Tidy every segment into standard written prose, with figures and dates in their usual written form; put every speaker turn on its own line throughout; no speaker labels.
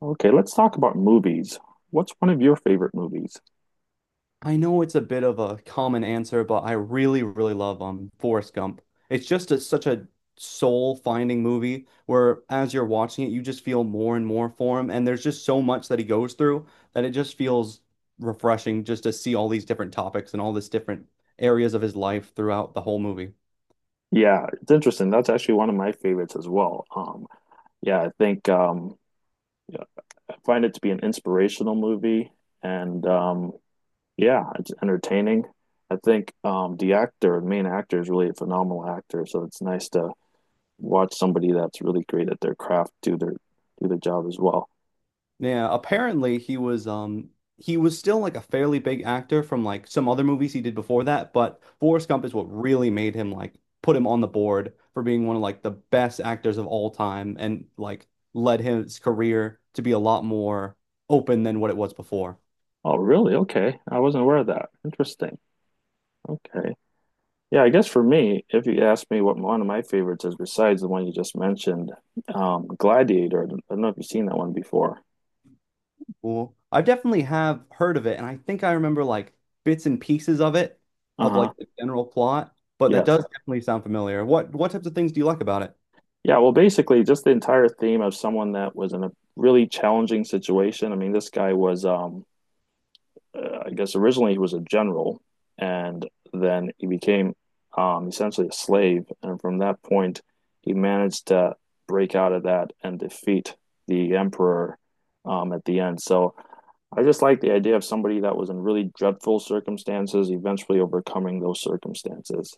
Okay, let's talk about movies. What's one of your favorite movies?
I know it's a bit of a common answer, but I really love Forrest Gump. It's just such a soul-finding movie where, as you're watching it, you just feel more and more for him, and there's just so much that he goes through that it just feels refreshing just to see all these different topics and all these different areas of his life throughout the whole movie.
Yeah, it's interesting. That's actually one of my favorites as well. Yeah, I think yeah, I find it to be an inspirational movie, and yeah, it's entertaining. I think the actor, the main actor, is really a phenomenal actor. So it's nice to watch somebody that's really great at their craft do their job as well.
Yeah, apparently he was still like a fairly big actor from like some other movies he did before that, but Forrest Gump is what really made him like put him on the board for being one of like the best actors of all time and like led his career to be a lot more open than what it was before.
Oh, really? Okay, I wasn't aware of that. Interesting. Okay. Yeah, I guess for me, if you ask me what one of my favorites is besides the one you just mentioned, Gladiator. I don't know if you've seen that one before.
Well, I definitely have heard of it and I think I remember like bits and pieces of it, of
Uh-huh.
like the general plot, but that
Yes.
does definitely sound familiar. What types of things do you like about it?
Yeah, well, basically just the entire theme of someone that was in a really challenging situation. I mean, this guy was I guess originally he was a general, and then he became essentially a slave. And from that point, he managed to break out of that and defeat the emperor at the end. So I just like the idea of somebody that was in really dreadful circumstances eventually overcoming those circumstances.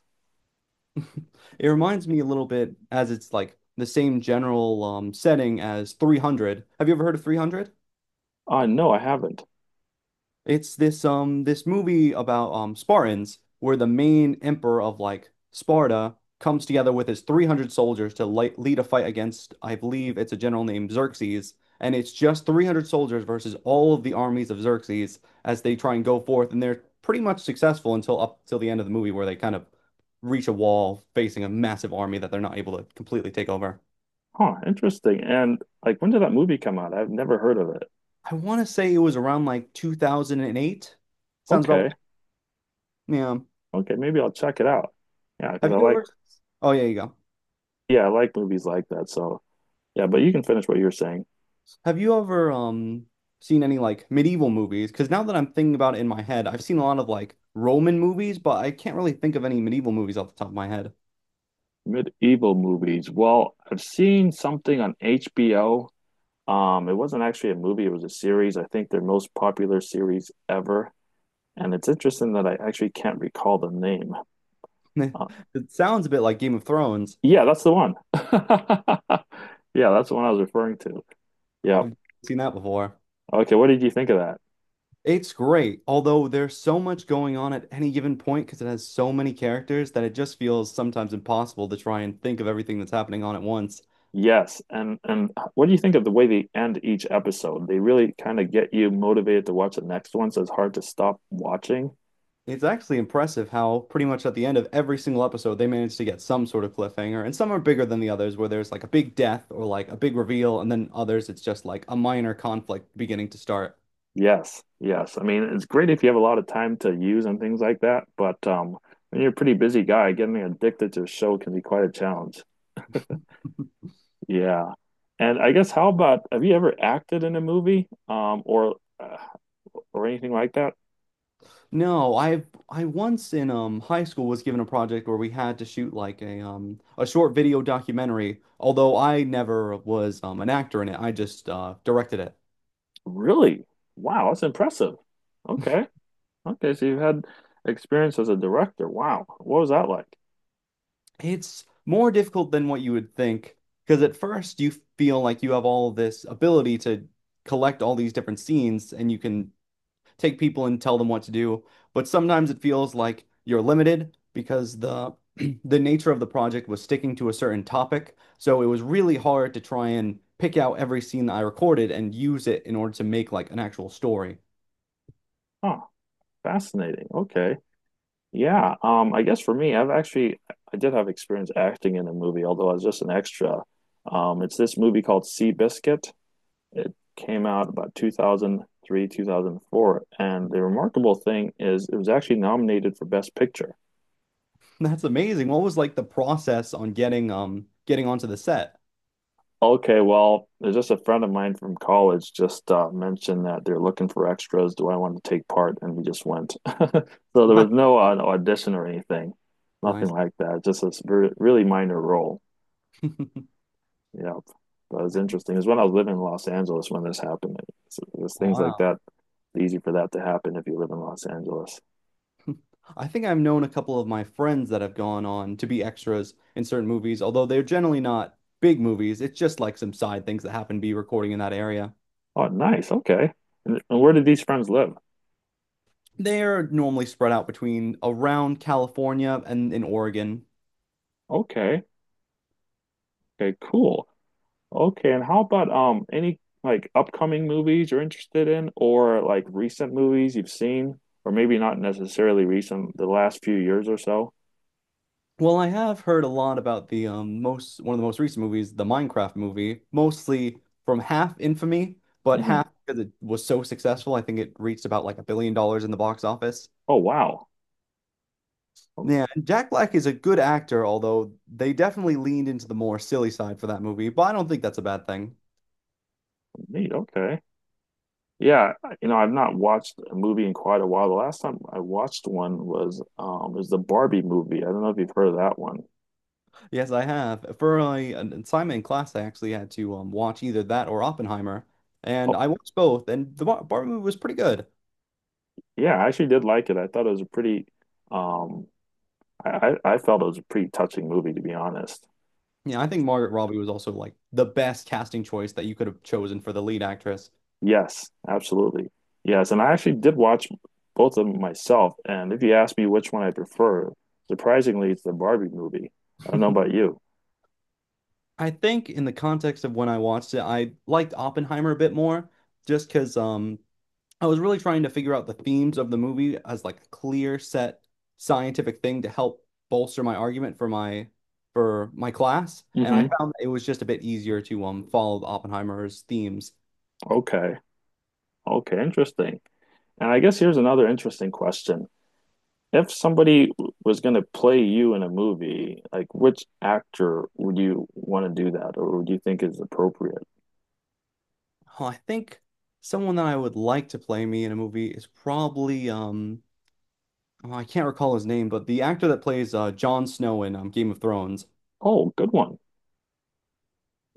It reminds me a little bit, as it's like the same general setting as 300. Have you ever heard of 300?
No, I haven't.
It's this movie about Spartans, where the main emperor of like Sparta comes together with his 300 soldiers to li lead a fight against, I believe, it's a general named Xerxes, and it's just 300 soldiers versus all of the armies of Xerxes as they try and go forth, and they're pretty much successful until up till the end of the movie, where they kind of reach a wall facing a massive army that they're not able to completely take over.
Huh, interesting. And like, when did that movie come out? I've never heard of it.
I want to say it was around like 2008. Sounds about
Okay,
right. Yeah.
okay, maybe I'll check it out. Yeah, because
Have
I
you
like,
ever Oh, yeah, you go.
yeah, I like movies like that. So, yeah, but you can finish what you're saying.
Have you ever seen any like medieval movies? Because now that I'm thinking about it in my head, I've seen a lot of like Roman movies, but I can't really think of any medieval movies off the top of my head.
Medieval movies. Well, I've seen something on HBO. It wasn't actually a movie, it was a series. I think their most popular series ever. And it's interesting that I actually can't recall the name.
It sounds a bit like Game of Thrones.
Yeah, that's the one. Yeah, that's the one I was referring to. Yeah.
I've seen that before.
Okay, what did you think of that?
It's great, although there's so much going on at any given point because it has so many characters that it just feels sometimes impossible to try and think of everything that's happening on at once.
Yes. And what do you think of the way they end each episode? They really kind of get you motivated to watch the next one, so it's hard to stop watching.
It's actually impressive how pretty much at the end of every single episode they manage to get some sort of cliffhanger, and some are bigger than the others, where there's like a big death or like a big reveal, and then others it's just like a minor conflict beginning to start.
Yes. Yes. I mean, it's great if you have a lot of time to use and things like that, but when you're a pretty busy guy, getting addicted to a show can be quite a challenge. Yeah. And I guess how about have you ever acted in a movie or or anything like that?
No, I once in high school was given a project where we had to shoot like a short video documentary. Although I never was an actor in it, I just directed it.
Really? Wow, that's impressive. Okay. Okay, so you've had experience as a director. Wow. What was that like?
It's more difficult than what you would think, because at first you feel like you have all this ability to collect all these different scenes and you can take people and tell them what to do, but sometimes it feels like you're limited because the the nature of the project was sticking to a certain topic, so it was really hard to try and pick out every scene that I recorded and use it in order to make like an actual story.
Huh, fascinating. Okay. Yeah, I guess for me, I did have experience acting in a movie, although I was just an extra. It's this movie called Sea Biscuit. It came out about 2003, 2004, and the remarkable thing is it was actually nominated for Best Picture.
That's amazing. What was like the process on getting onto the set?
Okay, well, there's just a friend of mine from college just mentioned that they're looking for extras. Do I want to take part? And we just went. So there was no no audition or anything, nothing
Nice.
like that. Just a really minor role. Yep. But it was interesting. It was when I was living in Los Angeles when this happened. It's things like
Wow.
that. It's easy for that to happen if you live in Los Angeles.
I think I've known a couple of my friends that have gone on to be extras in certain movies, although they're generally not big movies. It's just like some side things that happen to be recording in that area.
Oh, nice. Okay. And where did these friends live?
They're normally spread out between around California and in Oregon.
Okay. Okay, cool. Okay, and how about any like upcoming movies you're interested in or like recent movies you've seen or maybe not necessarily recent, the last few years or so?
Well, I have heard a lot about the most one of the most recent movies, the Minecraft movie, mostly from half infamy, but
hmm
half because it was so successful. I think it reached about like $1 billion in the box office.
Oh wow. Oh,
Yeah, and Jack Black is a good actor, although they definitely leaned into the more silly side for that movie, but I don't think that's a bad thing.
neat. Okay. Yeah, you know, I've not watched a movie in quite a while. The last time I watched one was the Barbie movie. I don't know if you've heard of that one.
Yes, I have. For my assignment in class, I actually had to watch either that or Oppenheimer, and
Oh,
I watched both, and the Barbie movie was pretty good.
yeah, I actually did like it. I thought it was a pretty um I felt it was a pretty touching movie to be honest.
Yeah, I think Margaret Robbie was also like the best casting choice that you could have chosen for the lead actress.
Yes, absolutely. Yes, and I actually did watch both of them myself. And if you ask me which one I prefer, surprisingly, it's the Barbie movie. I don't know about you.
I think in the context of when I watched it, I liked Oppenheimer a bit more, just because I was really trying to figure out the themes of the movie as like a clear set scientific thing to help bolster my argument for my class. And I
hmm
found that it was just a bit easier to follow Oppenheimer's themes.
Okay. Okay, interesting. And I guess here's another interesting question. If somebody was going to play you in a movie, like which actor would you want to do that or would you think is appropriate?
Oh, I think someone that I would like to play me in a movie is probably oh, I can't recall his name, but the actor that plays Jon Snow in Game of Thrones.
Oh, good one.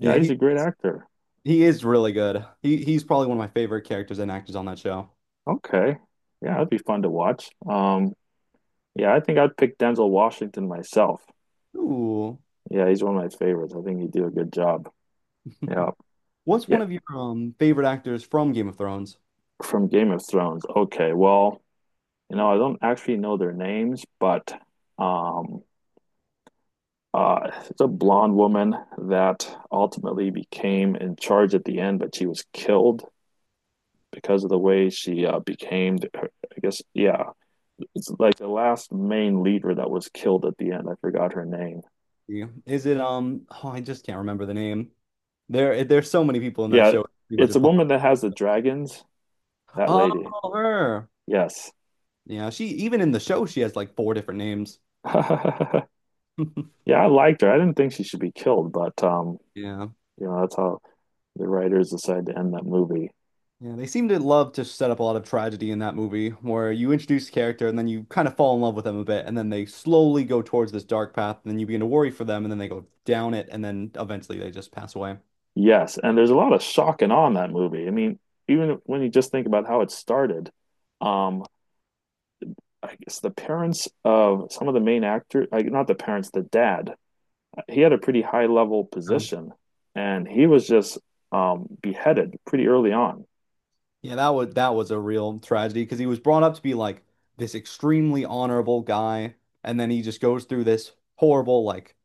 Yeah, he's a great actor.
he is really good. He's probably one of my favorite characters and actors on that show.
Okay. Yeah, that'd be fun to watch. Yeah, I think I'd pick Denzel Washington myself.
Ooh.
Yeah, he's one of my favorites. I think he did a good job. Yeah.
What's
Yeah.
one of your favorite actors from Game of Thrones?
From Game of Thrones. Okay. Well, you know, I don't actually know their names, but um it's a blonde woman that ultimately became in charge at the end, but she was killed because of the way she became her, I guess yeah, it's like the last main leader that was killed at the end. I forgot her name.
Is it um oh, I just can't remember the name. There's so many people in that
Yeah,
show. It's pretty much
it's a woman
impossible.
that has the dragons. That
Oh,
lady.
her.
Yes.
Yeah, she, even in the show, she has like 4 different names.
Yeah, I liked her. I didn't think she should be killed, but
Yeah.
you know, that's how the writers decided to end that movie.
Yeah, they seem to love to set up a lot of tragedy in that movie, where you introduce a character and then you kind of fall in love with them a bit, and then they slowly go towards this dark path, and then you begin to worry for them, and then they go down it, and then eventually they just pass away.
Yes, and there's a lot of shock and awe in that movie. I mean, even when you just think about how it started, um, I guess the parents of some of the main actors, like not the parents, the dad, he had a pretty high level
Um,
position, and he was just beheaded pretty early on.
Yeah, that was a real tragedy because he was brought up to be like this extremely honorable guy, and then he just goes through this horrible like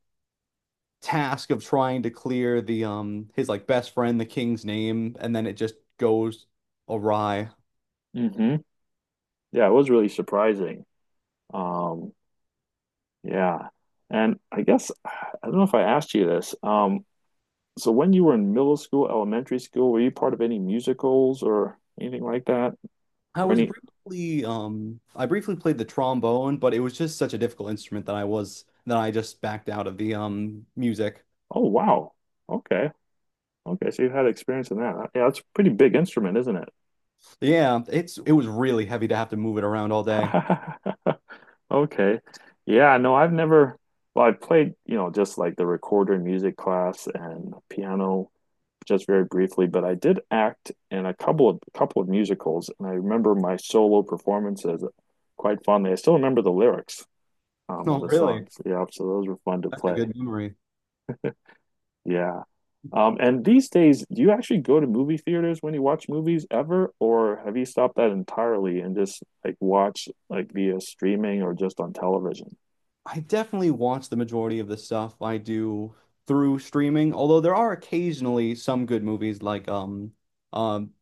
task of trying to clear the his like best friend, the king's name, and then it just goes awry.
hmm Yeah, it was really surprising. Um, yeah, and I guess I don't know if I asked you this. So when you were in middle school, elementary school, were you part of any musicals or anything like that?
I
Or
was
any,
briefly I briefly played the trombone, but it was just such a difficult instrument that I was that I just backed out of the music.
oh wow. Okay. Okay. So you've had experience in that. Yeah, that's a pretty big instrument, isn't it?
Yeah, it was really heavy to have to move it around all day.
Okay. Yeah, no, I've never, well, I played, you know, just like the recorder in music class and piano just very briefly, but I did act in a couple of musicals and I remember my solo performances quite fondly. I still remember the lyrics of
Oh,
the
really?
songs. Yeah, so those were fun to
That's a
play.
good memory.
Yeah. And these days, do you actually go to movie theaters when you watch movies ever, or have you stopped that entirely and just like watch like via streaming or just on television?
I definitely watch the majority of the stuff I do through streaming, although there are occasionally some good movies like um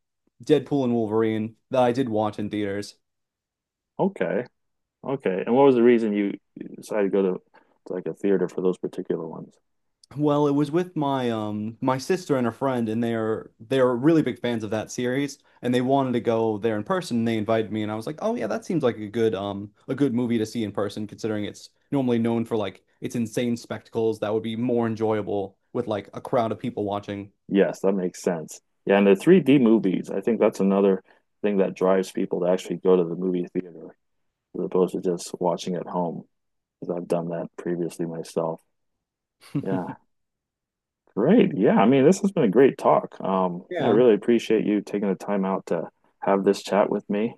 Deadpool and Wolverine that I did watch in theaters.
Okay, okay. And what was the reason you decided to go to like a theater for those particular ones?
Well, it was with my sister and a friend, and they're really big fans of that series, and they wanted to go there in person and they invited me, and I was like, "Oh yeah, that seems like a good movie to see in person, considering it's normally known for like its insane spectacles that would be more enjoyable with like a crowd of people watching."
Yes, that makes sense. Yeah, and the 3D movies, I think that's another thing that drives people to actually go to the movie theater as opposed to just watching at home, because I've done that previously myself. Yeah. Great. Yeah, I mean, this has been a great talk. Yeah, I
Yeah.
really appreciate you taking the time out to have this chat with me.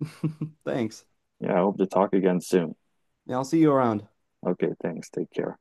Thanks.
Yeah, I hope to talk again soon.
Yeah, I'll see you around.
Okay, thanks. Take care.